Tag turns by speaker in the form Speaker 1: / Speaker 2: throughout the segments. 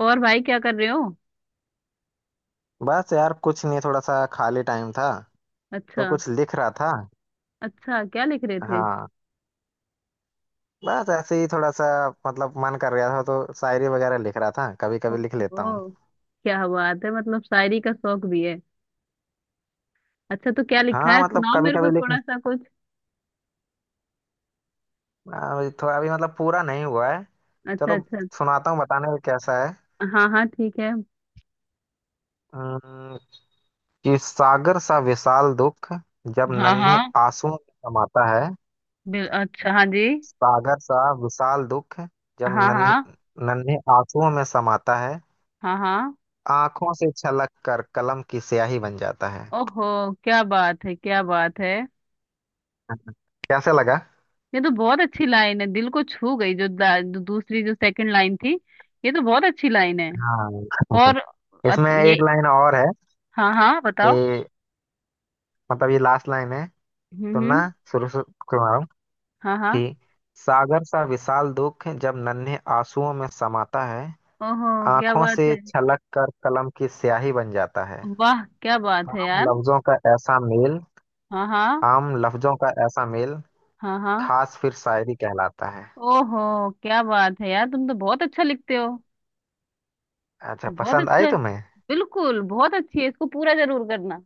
Speaker 1: और भाई क्या कर रहे हो।
Speaker 2: बस यार कुछ नहीं, थोड़ा सा खाली टाइम था, तो
Speaker 1: अच्छा।
Speaker 2: कुछ लिख रहा था।
Speaker 1: अच्छा क्या लिख रहे थे।
Speaker 2: हाँ, बस ऐसे ही थोड़ा सा। मतलब मन कर रहा था तो शायरी वगैरह लिख रहा था, कभी कभी लिख लेता हूँ।
Speaker 1: ओहो क्या बात है, मतलब शायरी का शौक भी है। अच्छा तो क्या लिखा
Speaker 2: हाँ,
Speaker 1: है,
Speaker 2: मतलब
Speaker 1: सुनाओ
Speaker 2: कभी
Speaker 1: मेरे को
Speaker 2: कभी
Speaker 1: थोड़ा
Speaker 2: लिख,
Speaker 1: सा कुछ।
Speaker 2: अभी थोड़ा, अभी मतलब पूरा नहीं हुआ है।
Speaker 1: अच्छा
Speaker 2: चलो,
Speaker 1: अच्छा।
Speaker 2: सुनाता हूँ बताने में कैसा है।
Speaker 1: हाँ हाँ ठीक है।
Speaker 2: अम्म, कि सागर सा विशाल दुख जब
Speaker 1: हाँ
Speaker 2: नन्हे
Speaker 1: हाँ,
Speaker 2: आंसुओं में समाता है।
Speaker 1: बिल अच्छा, हाँ जी।
Speaker 2: सागर सा विशाल दुख जब
Speaker 1: हाँ हाँ।
Speaker 2: नन्हे आंसुओं में समाता है।
Speaker 1: हाँ हाँ।
Speaker 2: आंखों से छलक कर कलम की स्याही बन जाता है।
Speaker 1: ओहो क्या बात है क्या बात है,
Speaker 2: कैसे लगा?
Speaker 1: ये तो बहुत अच्छी लाइन है, दिल को छू गई, जो दूसरी जो सेकंड लाइन थी। ये तो बहुत अच्छी लाइन है।
Speaker 2: हाँ।
Speaker 1: और
Speaker 2: इसमें एक
Speaker 1: ये।
Speaker 2: लाइन और है।
Speaker 1: हाँ हाँ
Speaker 2: कि
Speaker 1: बताओ।
Speaker 2: मतलब ये लास्ट लाइन है।
Speaker 1: हम्म।
Speaker 2: सुनना, शुरू से सुना रहा हूँ।
Speaker 1: हाँ हाँ।
Speaker 2: कि सागर सा विशाल दुख जब नन्हे आंसुओं में समाता है,
Speaker 1: ओहो क्या
Speaker 2: आंखों
Speaker 1: बात
Speaker 2: से
Speaker 1: है।
Speaker 2: छलक कर कलम की स्याही बन जाता है।
Speaker 1: वाह क्या बात है
Speaker 2: आम
Speaker 1: यार।
Speaker 2: लफ्जों का ऐसा मेल,
Speaker 1: हाँ हाँ।
Speaker 2: आम लफ्जों का ऐसा मेल
Speaker 1: हाँ हाँ।
Speaker 2: खास फिर शायरी कहलाता है।
Speaker 1: ओहो क्या बात है यार, तुम तो बहुत अच्छा लिखते हो।
Speaker 2: अच्छा,
Speaker 1: बहुत
Speaker 2: पसंद आई
Speaker 1: अच्छा।
Speaker 2: तुम्हें?
Speaker 1: बिल्कुल बहुत अच्छी है, इसको पूरा जरूर करना।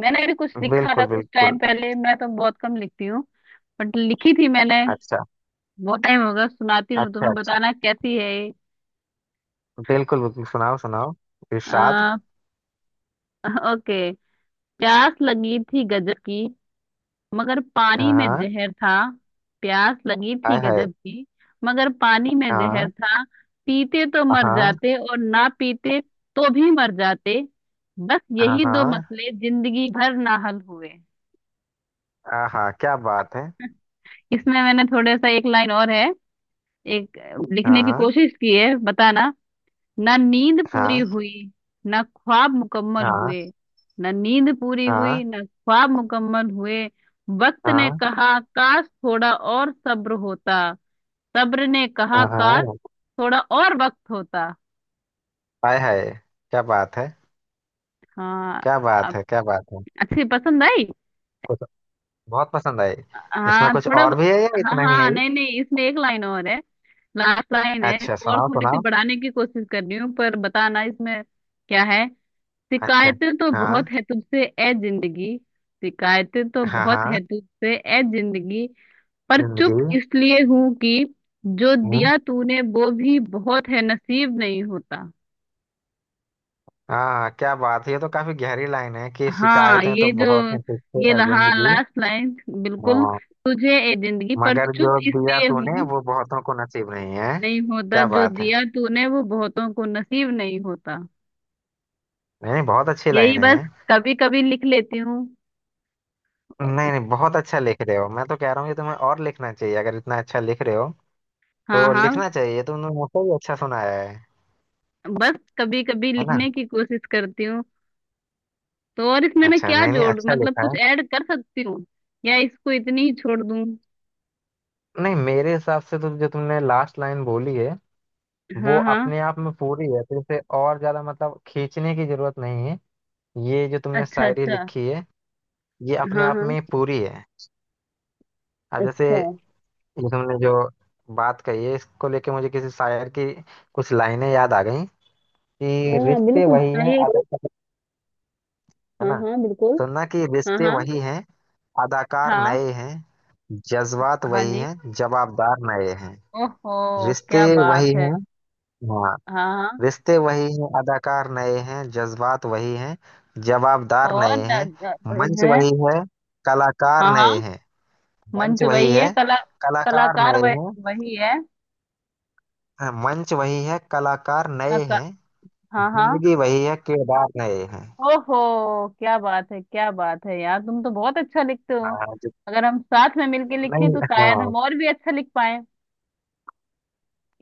Speaker 1: मैंने भी कुछ लिखा था
Speaker 2: बिल्कुल
Speaker 1: कुछ
Speaker 2: बिल्कुल।
Speaker 1: टाइम पहले, मैं तो बहुत कम लिखती हूँ। बट लिखी थी मैंने।
Speaker 2: अच्छा
Speaker 1: बहुत टाइम होगा, सुनाती हूँ
Speaker 2: अच्छा।
Speaker 1: तुम्हें,
Speaker 2: अच्छा,
Speaker 1: बताना कैसी है ये।
Speaker 2: बिल्कुल बिल्कुल, सुनाओ सुनाओ, इरशाद।
Speaker 1: आ, ओके। प्यास लगी थी गजब की, मगर पानी
Speaker 2: हाँ
Speaker 1: में
Speaker 2: हाँ।
Speaker 1: जहर था। प्यास लगी थी
Speaker 2: हाय हाय।
Speaker 1: गजब की, मगर पानी में जहर
Speaker 2: हाँ।
Speaker 1: था। पीते तो मर
Speaker 2: हाँ।
Speaker 1: जाते, और ना पीते तो भी मर जाते। बस यही दो
Speaker 2: हाँ
Speaker 1: मसले जिंदगी भर ना हल हुए।
Speaker 2: हाँ। हाँ, क्या बात है।
Speaker 1: इसमें मैंने थोड़ा सा, एक लाइन और है। एक लिखने
Speaker 2: हाँ
Speaker 1: की
Speaker 2: हाँ।
Speaker 1: कोशिश की है, बताना। ना नींद पूरी
Speaker 2: हाँ
Speaker 1: हुई, ना ख्वाब मुकम्मल
Speaker 2: हाँ।
Speaker 1: हुए। ना नींद पूरी हुई, ना ख्वाब मुकम्मल हुए। वक्त ने
Speaker 2: हाँ
Speaker 1: कहा काश थोड़ा और सब्र होता। सब्र ने कहा
Speaker 2: हाँ।
Speaker 1: काश
Speaker 2: हाँ।
Speaker 1: थोड़ा और वक्त होता।
Speaker 2: हाय हाय। क्या बात है,
Speaker 1: हाँ।
Speaker 2: क्या बात
Speaker 1: आप
Speaker 2: है, क्या बात है।
Speaker 1: अच्छी पसंद आई।
Speaker 2: कुछ बहुत पसंद आई। इसमें
Speaker 1: हाँ
Speaker 2: कुछ
Speaker 1: थोड़ा।
Speaker 2: और भी है या
Speaker 1: हाँ
Speaker 2: इतना ही है
Speaker 1: हाँ,
Speaker 2: ये?
Speaker 1: नहीं नहीं, इसमें एक लाइन और है। लास्ट लाइन है,
Speaker 2: अच्छा,
Speaker 1: इसको और
Speaker 2: सुनाओ
Speaker 1: थोड़ी सी
Speaker 2: सुनाओ।
Speaker 1: बढ़ाने की कोशिश कर रही हूँ, पर बताना इसमें क्या है।
Speaker 2: अच्छा।
Speaker 1: शिकायतें तो
Speaker 2: हाँ।
Speaker 1: बहुत है तुझसे ए जिंदगी। शिकायतें तो
Speaker 2: हाँ।
Speaker 1: बहुत
Speaker 2: हाँ।
Speaker 1: है तुझसे ए जिंदगी, पर चुप
Speaker 2: जिंदगी।
Speaker 1: इसलिए हूं कि जो
Speaker 2: हम्म।
Speaker 1: दिया तूने वो भी बहुत है, नसीब नहीं होता।
Speaker 2: हाँ, क्या बात है, ये तो काफी गहरी लाइन है कि
Speaker 1: हाँ
Speaker 2: शिकायतें तो
Speaker 1: ये जो,
Speaker 2: बहुत हैं तुझसे ए
Speaker 1: हाँ
Speaker 2: जिंदगी।
Speaker 1: लास्ट लाइन बिल्कुल।
Speaker 2: हाँ।
Speaker 1: तुझे ए जिंदगी पर
Speaker 2: मगर जो
Speaker 1: चुप
Speaker 2: दिया
Speaker 1: इसलिए
Speaker 2: तूने
Speaker 1: हूँ।
Speaker 2: वो बहुतों को नसीब नहीं है।
Speaker 1: नहीं होता,
Speaker 2: क्या
Speaker 1: जो
Speaker 2: बात है,
Speaker 1: दिया तूने वो बहुतों को नसीब नहीं होता।
Speaker 2: नहीं नहीं, बहुत अच्छी
Speaker 1: यही,
Speaker 2: लाइनें
Speaker 1: बस
Speaker 2: हैं।
Speaker 1: कभी कभी लिख लेती हूँ।
Speaker 2: नहीं नहीं, बहुत अच्छा लिख रहे हो, मैं तो कह रहा हूँ कि तुम्हें और लिखना चाहिए। अगर इतना अच्छा लिख रहे हो
Speaker 1: हाँ
Speaker 2: तो
Speaker 1: हाँ।
Speaker 2: लिखना चाहिए। तुमने मुझसे भी अच्छा सुनाया है
Speaker 1: बस कभी कभी
Speaker 2: है ना।
Speaker 1: लिखने की कोशिश करती हूँ। तो और इसमें मैं
Speaker 2: अच्छा,
Speaker 1: क्या
Speaker 2: नहीं नहीं,
Speaker 1: जोड़,
Speaker 2: अच्छा
Speaker 1: मतलब
Speaker 2: लिखा
Speaker 1: कुछ
Speaker 2: है।
Speaker 1: ऐड कर सकती हूँ या इसको इतनी ही छोड़ दूँ।
Speaker 2: नहीं, मेरे हिसाब से तो जो तुमने लास्ट लाइन बोली है, वो
Speaker 1: हाँ हाँ।
Speaker 2: अपने आप में पूरी है, तो इसे और ज्यादा मतलब खींचने की जरूरत नहीं है। ये जो तुमने
Speaker 1: अच्छा
Speaker 2: शायरी
Speaker 1: अच्छा।
Speaker 2: लिखी है, ये अपने
Speaker 1: हाँ
Speaker 2: आप
Speaker 1: हाँ।
Speaker 2: में पूरी है। अब जैसे
Speaker 1: अच्छा।
Speaker 2: ये तुमने जो बात कही है, इसको लेके मुझे किसी शायर की कुछ लाइनें याद आ गई। कि
Speaker 1: हाँ हाँ
Speaker 2: रिश्ते
Speaker 1: बिल्कुल,
Speaker 2: वही है
Speaker 1: सुनाइए
Speaker 2: अदाकार, है
Speaker 1: हाँ
Speaker 2: ना।
Speaker 1: हाँ बिल्कुल।
Speaker 2: सुनना, कि
Speaker 1: हाँ
Speaker 2: रिश्ते
Speaker 1: हाँ।
Speaker 2: वही हैं अदाकार
Speaker 1: हाँ
Speaker 2: नए हैं, जज्बात
Speaker 1: हाँ
Speaker 2: वही
Speaker 1: जी।
Speaker 2: हैं जवाबदार नए हैं।
Speaker 1: ओहो
Speaker 2: रिश्ते
Speaker 1: क्या बात
Speaker 2: वही
Speaker 1: है।
Speaker 2: हैं। हाँ।
Speaker 1: हाँ हाँ।
Speaker 2: रिश्ते वही हैं अदाकार नए हैं, जज्बात वही हैं जवाबदार
Speaker 1: और
Speaker 2: नए
Speaker 1: न,
Speaker 2: हैं।
Speaker 1: न, वही
Speaker 2: मंच
Speaker 1: है।
Speaker 2: वही है कलाकार
Speaker 1: हाँ
Speaker 2: नए
Speaker 1: हाँ।
Speaker 2: हैं।
Speaker 1: मंच
Speaker 2: मंच वही
Speaker 1: वही है
Speaker 2: है
Speaker 1: कला।
Speaker 2: कलाकार
Speaker 1: कलाकार
Speaker 2: नए
Speaker 1: वह,
Speaker 2: हैं।
Speaker 1: वही है।
Speaker 2: हाँ, मंच वही है कलाकार नए
Speaker 1: कला-
Speaker 2: हैं,
Speaker 1: हाँ हाँ।
Speaker 2: जिंदगी वही है किरदार नए हैं।
Speaker 1: ओहो क्या बात है यार, तुम तो बहुत अच्छा लिखते हो।
Speaker 2: हाँ जो।
Speaker 1: अगर हम साथ में मिलके लिखें
Speaker 2: नहीं।
Speaker 1: तो शायद
Speaker 2: हाँ,
Speaker 1: हम और भी अच्छा लिख पाए।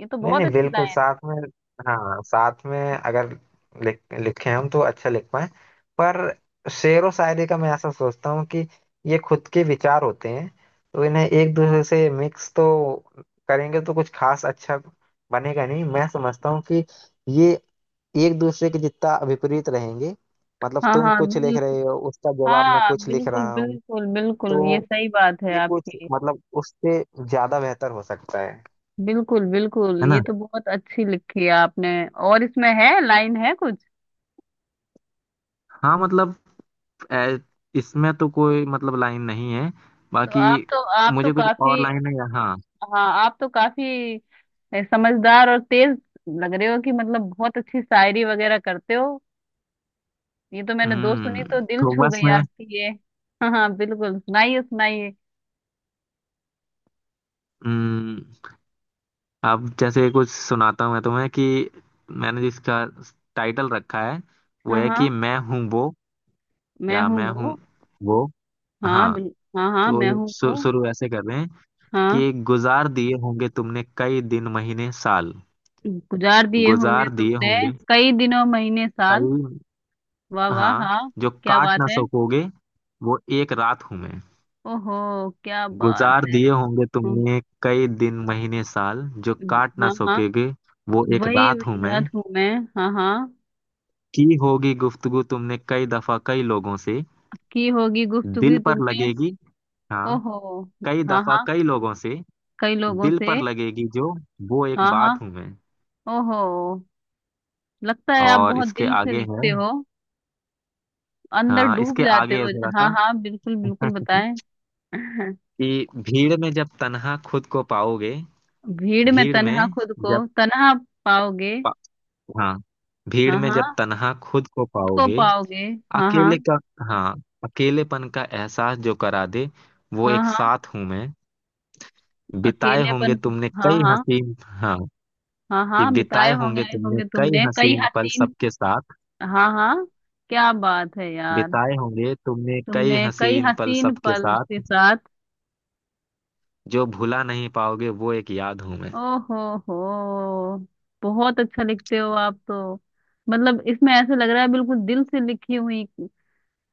Speaker 1: ये तो
Speaker 2: नहीं
Speaker 1: बहुत
Speaker 2: नहीं,
Speaker 1: अच्छी
Speaker 2: बिल्कुल
Speaker 1: लाइन
Speaker 2: साथ में। हाँ, साथ में अगर लिख लिखे हम तो अच्छा लिख पाए। पर शेर व शायरी का मैं ऐसा सोचता हूँ कि ये खुद के विचार होते हैं, तो इन्हें एक दूसरे से मिक्स तो करेंगे तो कुछ खास अच्छा बनेगा नहीं। मैं समझता हूँ कि ये एक दूसरे के जितना विपरीत रहेंगे,
Speaker 1: है।
Speaker 2: मतलब
Speaker 1: हाँ
Speaker 2: तुम
Speaker 1: हाँ
Speaker 2: कुछ लिख
Speaker 1: बिल्कुल।
Speaker 2: रहे हो उसका जवाब मैं
Speaker 1: हाँ
Speaker 2: कुछ लिख
Speaker 1: बिल्कुल
Speaker 2: रहा हूँ,
Speaker 1: बिल्कुल बिल्कुल, ये
Speaker 2: तो
Speaker 1: सही बात है
Speaker 2: ये कुछ
Speaker 1: आपकी।
Speaker 2: मतलब उससे ज्यादा बेहतर हो सकता है।
Speaker 1: बिल्कुल बिल्कुल,
Speaker 2: है
Speaker 1: ये
Speaker 2: ना।
Speaker 1: तो बहुत अच्छी लिखी है आपने। और इसमें है लाइन है कुछ।
Speaker 2: हाँ, मतलब ए, इसमें तो कोई मतलब लाइन नहीं है बाकी।
Speaker 1: आप तो
Speaker 2: मुझे कुछ और
Speaker 1: काफी।
Speaker 2: लाइन है, हाँ।
Speaker 1: हाँ आप तो काफी समझदार और तेज लग रहे हो कि मतलब बहुत अच्छी शायरी वगैरह करते हो। ये तो मैंने दो सुनी तो दिल
Speaker 2: तो
Speaker 1: छू
Speaker 2: बस
Speaker 1: गई
Speaker 2: मैं।
Speaker 1: आपकी ये। हाँ हाँ बिल्कुल, सुनाइए सुनाइए।
Speaker 2: हम्म। अब जैसे कुछ सुनाता हूँ मैं तुम्हें। कि मैंने जिसका टाइटल रखा है, वो
Speaker 1: हाँ
Speaker 2: है कि
Speaker 1: हाँ
Speaker 2: मैं हूँ वो।
Speaker 1: मैं
Speaker 2: या
Speaker 1: हूँ
Speaker 2: मैं हूँ
Speaker 1: वो।
Speaker 2: वो।
Speaker 1: हाँ
Speaker 2: हाँ,
Speaker 1: बिल। हाँ हाँ मैं
Speaker 2: तो
Speaker 1: हूँ वो।
Speaker 2: शुरू ऐसे कर रहे हैं।
Speaker 1: हाँ।
Speaker 2: कि गुजार दिए होंगे तुमने कई दिन महीने साल।
Speaker 1: गुजार दिए होंगे
Speaker 2: गुजार दिए
Speaker 1: तुमने
Speaker 2: होंगे,
Speaker 1: कई दिनों महीने साल।
Speaker 2: कई।
Speaker 1: वाह वाह
Speaker 2: हाँ,
Speaker 1: हाँ।
Speaker 2: जो
Speaker 1: क्या
Speaker 2: काट
Speaker 1: बात
Speaker 2: ना
Speaker 1: है।
Speaker 2: सकोगे वो एक रात हूं मैं।
Speaker 1: ओहो क्या बात
Speaker 2: गुजार
Speaker 1: है।
Speaker 2: दिए होंगे
Speaker 1: हम्म,
Speaker 2: तुमने कई दिन महीने साल, जो काट ना
Speaker 1: हाँ हाँ।
Speaker 2: सकोगे वो एक
Speaker 1: वही
Speaker 2: रात हूं मैं।
Speaker 1: रात हूँ मैं। हाँ हाँ।
Speaker 2: की होगी गुफ्तगू तुमने कई दफा कई लोगों से,
Speaker 1: की होगी गुफ्तगू
Speaker 2: दिल पर
Speaker 1: तुमने।
Speaker 2: लगेगी। हाँ,
Speaker 1: ओहो।
Speaker 2: कई
Speaker 1: हाँ
Speaker 2: दफा
Speaker 1: हाँ।
Speaker 2: कई लोगों से,
Speaker 1: कई लोगों
Speaker 2: दिल पर
Speaker 1: से।
Speaker 2: लगेगी जो, वो एक
Speaker 1: हाँ हाँ।
Speaker 2: बात हूं मैं।
Speaker 1: ओहो। लगता है आप
Speaker 2: और
Speaker 1: बहुत
Speaker 2: इसके
Speaker 1: दिल से
Speaker 2: आगे है।
Speaker 1: लिखते हो, अंदर
Speaker 2: हाँ,
Speaker 1: डूब
Speaker 2: इसके
Speaker 1: जाते
Speaker 2: आगे है
Speaker 1: हो।
Speaker 2: थोड़ा
Speaker 1: हाँ
Speaker 2: सा।
Speaker 1: हाँ बिल्कुल बिल्कुल बताएं।
Speaker 2: कि भीड़ में जब तन्हा खुद को पाओगे।
Speaker 1: भीड़ में
Speaker 2: भीड़
Speaker 1: तन्हा
Speaker 2: में
Speaker 1: खुद को
Speaker 2: जब पा-
Speaker 1: तन्हा पाओगे।
Speaker 2: हाँ, भीड़
Speaker 1: हाँ
Speaker 2: में
Speaker 1: हाँ।
Speaker 2: जब तन्हा खुद को
Speaker 1: खुद को
Speaker 2: पाओगे।
Speaker 1: पाओगे। हाँ हाँ।
Speaker 2: अकेले का हाँ, अकेलेपन का एहसास जो करा दे, वो
Speaker 1: हाँ
Speaker 2: एक
Speaker 1: हाँ।
Speaker 2: साथ हूं मैं। बिताए
Speaker 1: अकेलेपन।
Speaker 2: होंगे तुमने
Speaker 1: हाँ
Speaker 2: कई
Speaker 1: हाँ।
Speaker 2: हसीन। हाँ,
Speaker 1: हाँ
Speaker 2: कि
Speaker 1: हाँ। बिताए
Speaker 2: बिताए
Speaker 1: होंगे
Speaker 2: होंगे तुमने
Speaker 1: होंगे
Speaker 2: कई
Speaker 1: तुमने कई
Speaker 2: हसीन पल
Speaker 1: हसीन।
Speaker 2: सबके साथ।
Speaker 1: हाँ हाँ। क्या बात है यार।
Speaker 2: बिताए होंगे तुमने कई
Speaker 1: तुमने कई
Speaker 2: हसीन पल
Speaker 1: हसीन
Speaker 2: सबके
Speaker 1: पल के
Speaker 2: साथ,
Speaker 1: साथ।
Speaker 2: जो भुला नहीं पाओगे वो एक याद हूं मैं।
Speaker 1: ओहो। हो, बहुत अच्छा लिखते हो आप तो। मतलब इसमें ऐसा लग रहा है, बिल्कुल दिल से लिखी हुई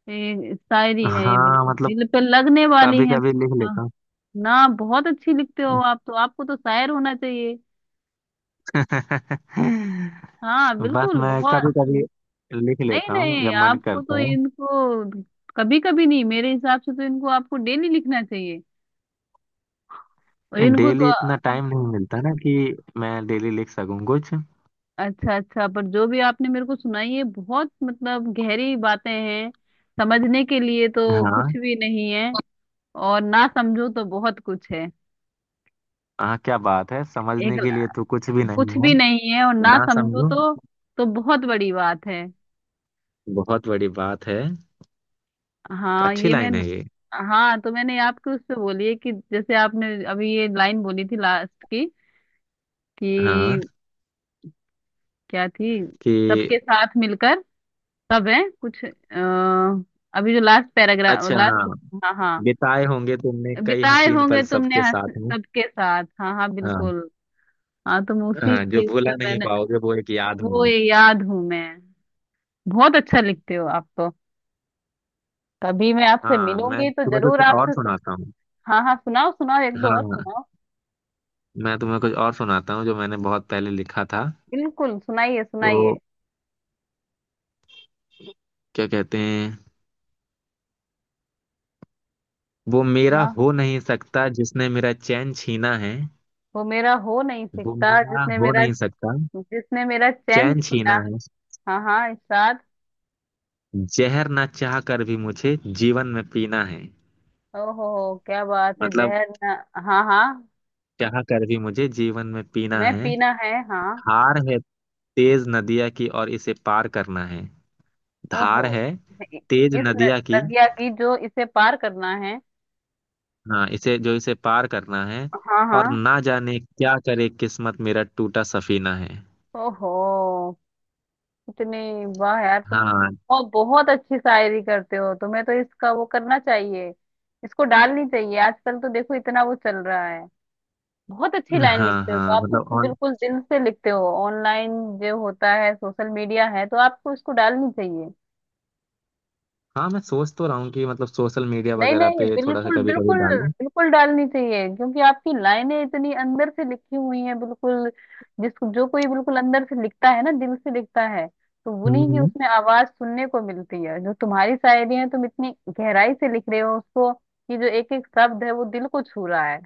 Speaker 1: शायरी है ये,
Speaker 2: हाँ,
Speaker 1: बिल्कुल
Speaker 2: मतलब
Speaker 1: दिल पे लगने वाली
Speaker 2: कभी
Speaker 1: है
Speaker 2: कभी लिख
Speaker 1: बिल्कुल।
Speaker 2: लेता हूँ।
Speaker 1: ना बहुत अच्छी लिखते हो आप तो, आपको तो शायर होना चाहिए। हाँ
Speaker 2: बस
Speaker 1: बिल्कुल,
Speaker 2: मैं
Speaker 1: बहुत।
Speaker 2: कभी कभी लिख
Speaker 1: नहीं
Speaker 2: लेता हूँ
Speaker 1: नहीं
Speaker 2: जब मन
Speaker 1: आपको
Speaker 2: करता
Speaker 1: तो
Speaker 2: है।
Speaker 1: इनको, कभी कभी नहीं, मेरे हिसाब से तो इनको आपको डेली लिखना चाहिए। और
Speaker 2: नहीं,
Speaker 1: इनको
Speaker 2: डेली
Speaker 1: तो
Speaker 2: इतना टाइम नहीं मिलता ना कि मैं डेली लिख सकूं कुछ।
Speaker 1: अच्छा अच्छा, पर जो भी आपने मेरे को सुनाई है बहुत मतलब गहरी बातें हैं। समझने के लिए तो कुछ
Speaker 2: हाँ
Speaker 1: भी नहीं है, और ना समझो तो बहुत कुछ है।
Speaker 2: हाँ, क्या बात है,
Speaker 1: एक
Speaker 2: समझने के लिए तो कुछ भी
Speaker 1: कुछ
Speaker 2: नहीं
Speaker 1: भी
Speaker 2: है।
Speaker 1: नहीं है, और ना
Speaker 2: ना
Speaker 1: समझो
Speaker 2: समझो
Speaker 1: तो बहुत बड़ी बात है।
Speaker 2: बहुत बड़ी बात है।
Speaker 1: हाँ
Speaker 2: अच्छी
Speaker 1: ये मैं।
Speaker 2: लाइन है ये।
Speaker 1: हाँ तो मैंने आपको उससे बोली है कि जैसे आपने अभी ये लाइन बोली थी लास्ट की
Speaker 2: हाँ,
Speaker 1: कि क्या थी।
Speaker 2: कि
Speaker 1: सबके साथ मिलकर, सब है कुछ अभी जो लास्ट पैराग्राफ
Speaker 2: अच्छा,
Speaker 1: लास्ट।
Speaker 2: हाँ,
Speaker 1: हाँ हाँ।
Speaker 2: बिताए होंगे तुमने कई
Speaker 1: बिताए
Speaker 2: हसीन
Speaker 1: होंगे
Speaker 2: पल
Speaker 1: तुमने
Speaker 2: सबके
Speaker 1: हंस
Speaker 2: साथ में।
Speaker 1: सबके साथ, हाँ हाँ
Speaker 2: हाँ
Speaker 1: बिल्कुल। हाँ तुम उसी
Speaker 2: हाँ, जो
Speaker 1: के
Speaker 2: भुला
Speaker 1: पे
Speaker 2: नहीं
Speaker 1: मैंने
Speaker 2: पाओगे वो एक याद
Speaker 1: वो
Speaker 2: होंगे।
Speaker 1: ये याद हूँ मैं। बहुत अच्छा लिखते हो आप तो। कभी मैं आपसे
Speaker 2: हाँ, मैं
Speaker 1: मिलूंगी तो
Speaker 2: तुम्हें
Speaker 1: जरूर
Speaker 2: कुछ और
Speaker 1: आपसे
Speaker 2: सुनाता हूँ।
Speaker 1: हाँ हाँ सुनाओ सुनाओ, एक दो और
Speaker 2: हाँ,
Speaker 1: सुनाओ।
Speaker 2: मैं तुम्हें कुछ और सुनाता हूँ जो मैंने बहुत पहले लिखा था।
Speaker 1: बिल्कुल सुनाइए
Speaker 2: तो
Speaker 1: सुनाइए।
Speaker 2: क्या कहते हैं, वो मेरा
Speaker 1: सुना,
Speaker 2: हो नहीं सकता जिसने मेरा चैन छीना है।
Speaker 1: वो मेरा हो नहीं
Speaker 2: वो
Speaker 1: सकता
Speaker 2: मेरा
Speaker 1: जिसने
Speaker 2: हो
Speaker 1: मेरा,
Speaker 2: नहीं सकता,
Speaker 1: जिसने मेरा चैन
Speaker 2: चैन
Speaker 1: छीना।
Speaker 2: छीना है।
Speaker 1: हाँ हाँ इरशाद।
Speaker 2: जहर ना चाह कर भी मुझे जीवन में पीना है।
Speaker 1: ओहो क्या बात है,
Speaker 2: मतलब
Speaker 1: जहर ना। हाँ हाँ।
Speaker 2: चाह कर भी मुझे जीवन में पीना
Speaker 1: मैं
Speaker 2: है।
Speaker 1: पीना है। हाँ।
Speaker 2: धार है तेज नदिया की, और इसे पार करना है।
Speaker 1: ओहो।
Speaker 2: धार है
Speaker 1: इ-
Speaker 2: तेज
Speaker 1: इस
Speaker 2: नदिया की,
Speaker 1: नदिया की जो इसे पार करना है।
Speaker 2: हाँ इसे, जो इसे पार करना है।
Speaker 1: हाँ
Speaker 2: और
Speaker 1: हाँ।
Speaker 2: ना जाने क्या करे किस्मत, मेरा टूटा सफीना है।
Speaker 1: ओहो। इतनी वाह यार तुम
Speaker 2: हाँ।
Speaker 1: बहुत बहुत अच्छी शायरी करते हो, तुम्हें तो इसका वो करना चाहिए, इसको डालनी चाहिए। आजकल तो देखो इतना वो चल रहा है। बहुत अच्छी लाइन
Speaker 2: हाँ,
Speaker 1: लिखते हो
Speaker 2: हाँ
Speaker 1: तो आप
Speaker 2: मतलब
Speaker 1: तो
Speaker 2: ऑन।
Speaker 1: बिल्कुल दिल से लिखते हो, ऑनलाइन जो होता है सोशल मीडिया है तो आपको इसको डालनी चाहिए।
Speaker 2: हाँ, मैं सोच तो रहा हूँ कि मतलब सोशल मीडिया
Speaker 1: नहीं
Speaker 2: वगैरह
Speaker 1: नहीं
Speaker 2: पे थोड़ा सा
Speaker 1: बिल्कुल
Speaker 2: कभी कभी
Speaker 1: बिल्कुल,
Speaker 2: डालूं।
Speaker 1: बिल्कुल डालनी चाहिए क्योंकि आपकी लाइनें इतनी अंदर से लिखी हुई हैं बिल्कुल। जिसको, जो कोई बिल्कुल अंदर से लिखता है ना, दिल से लिखता है, तो
Speaker 2: हम्म।
Speaker 1: उन्हीं की
Speaker 2: हम्म।
Speaker 1: उसमें आवाज सुनने को मिलती है। जो तुम्हारी शायरी है तुम इतनी गहराई से लिख रहे हो उसको, कि जो एक एक शब्द है वो दिल को छू रहा है।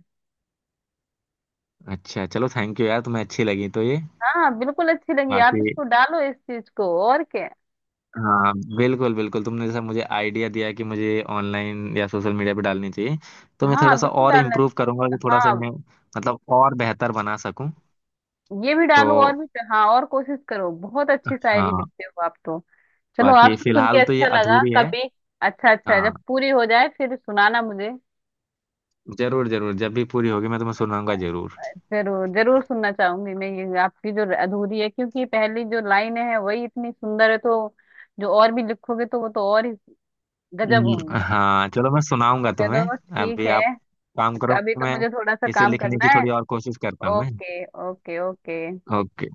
Speaker 2: अच्छा, चलो थैंक यू यार, तुम्हें अच्छी लगी तो ये।
Speaker 1: हाँ बिल्कुल अच्छी लगी, आप
Speaker 2: बाकी।
Speaker 1: इसको डालो इस चीज को और क्या।
Speaker 2: हाँ, बिल्कुल बिल्कुल, तुमने जैसा मुझे आइडिया दिया कि मुझे ऑनलाइन या सोशल मीडिया पे डालनी चाहिए, तो मैं थोड़ा
Speaker 1: हाँ
Speaker 2: सा
Speaker 1: बिल्कुल
Speaker 2: और
Speaker 1: डालना।
Speaker 2: इम्प्रूव करूंगा कि थोड़ा सा
Speaker 1: हाँ
Speaker 2: इन्हें मतलब और बेहतर बना सकूं।
Speaker 1: ये भी
Speaker 2: तो
Speaker 1: डालो और भी। हाँ और कोशिश करो, बहुत अच्छी शायरी
Speaker 2: हाँ,
Speaker 1: लिखते हो आप तो। चलो
Speaker 2: बाकी
Speaker 1: आपसे सुन के
Speaker 2: फिलहाल तो ये
Speaker 1: अच्छा लगा
Speaker 2: अधूरी है।
Speaker 1: कभी। अच्छा अच्छा,
Speaker 2: हाँ,
Speaker 1: जब पूरी हो जाए फिर सुनाना मुझे।
Speaker 2: जरूर जरूर, जब भी पूरी होगी मैं तुम्हें सुनाऊंगा जरूर।
Speaker 1: जरूर जरूर सुनना चाहूंगी मैं ये आपकी जो अधूरी है, क्योंकि पहली जो लाइन है वही इतनी सुंदर है, तो जो और भी लिखोगे तो वो तो और ही गजब होंगी।
Speaker 2: हाँ, चलो मैं सुनाऊंगा
Speaker 1: चलो
Speaker 2: तुम्हें।
Speaker 1: ठीक
Speaker 2: अभी
Speaker 1: है।
Speaker 2: आप काम करो,
Speaker 1: अभी तो
Speaker 2: मैं
Speaker 1: मुझे थोड़ा सा
Speaker 2: इसे
Speaker 1: काम
Speaker 2: लिखने
Speaker 1: करना
Speaker 2: की
Speaker 1: है।
Speaker 2: थोड़ी और कोशिश करता हूँ मैं।
Speaker 1: Okay okay. ओके।
Speaker 2: ओके।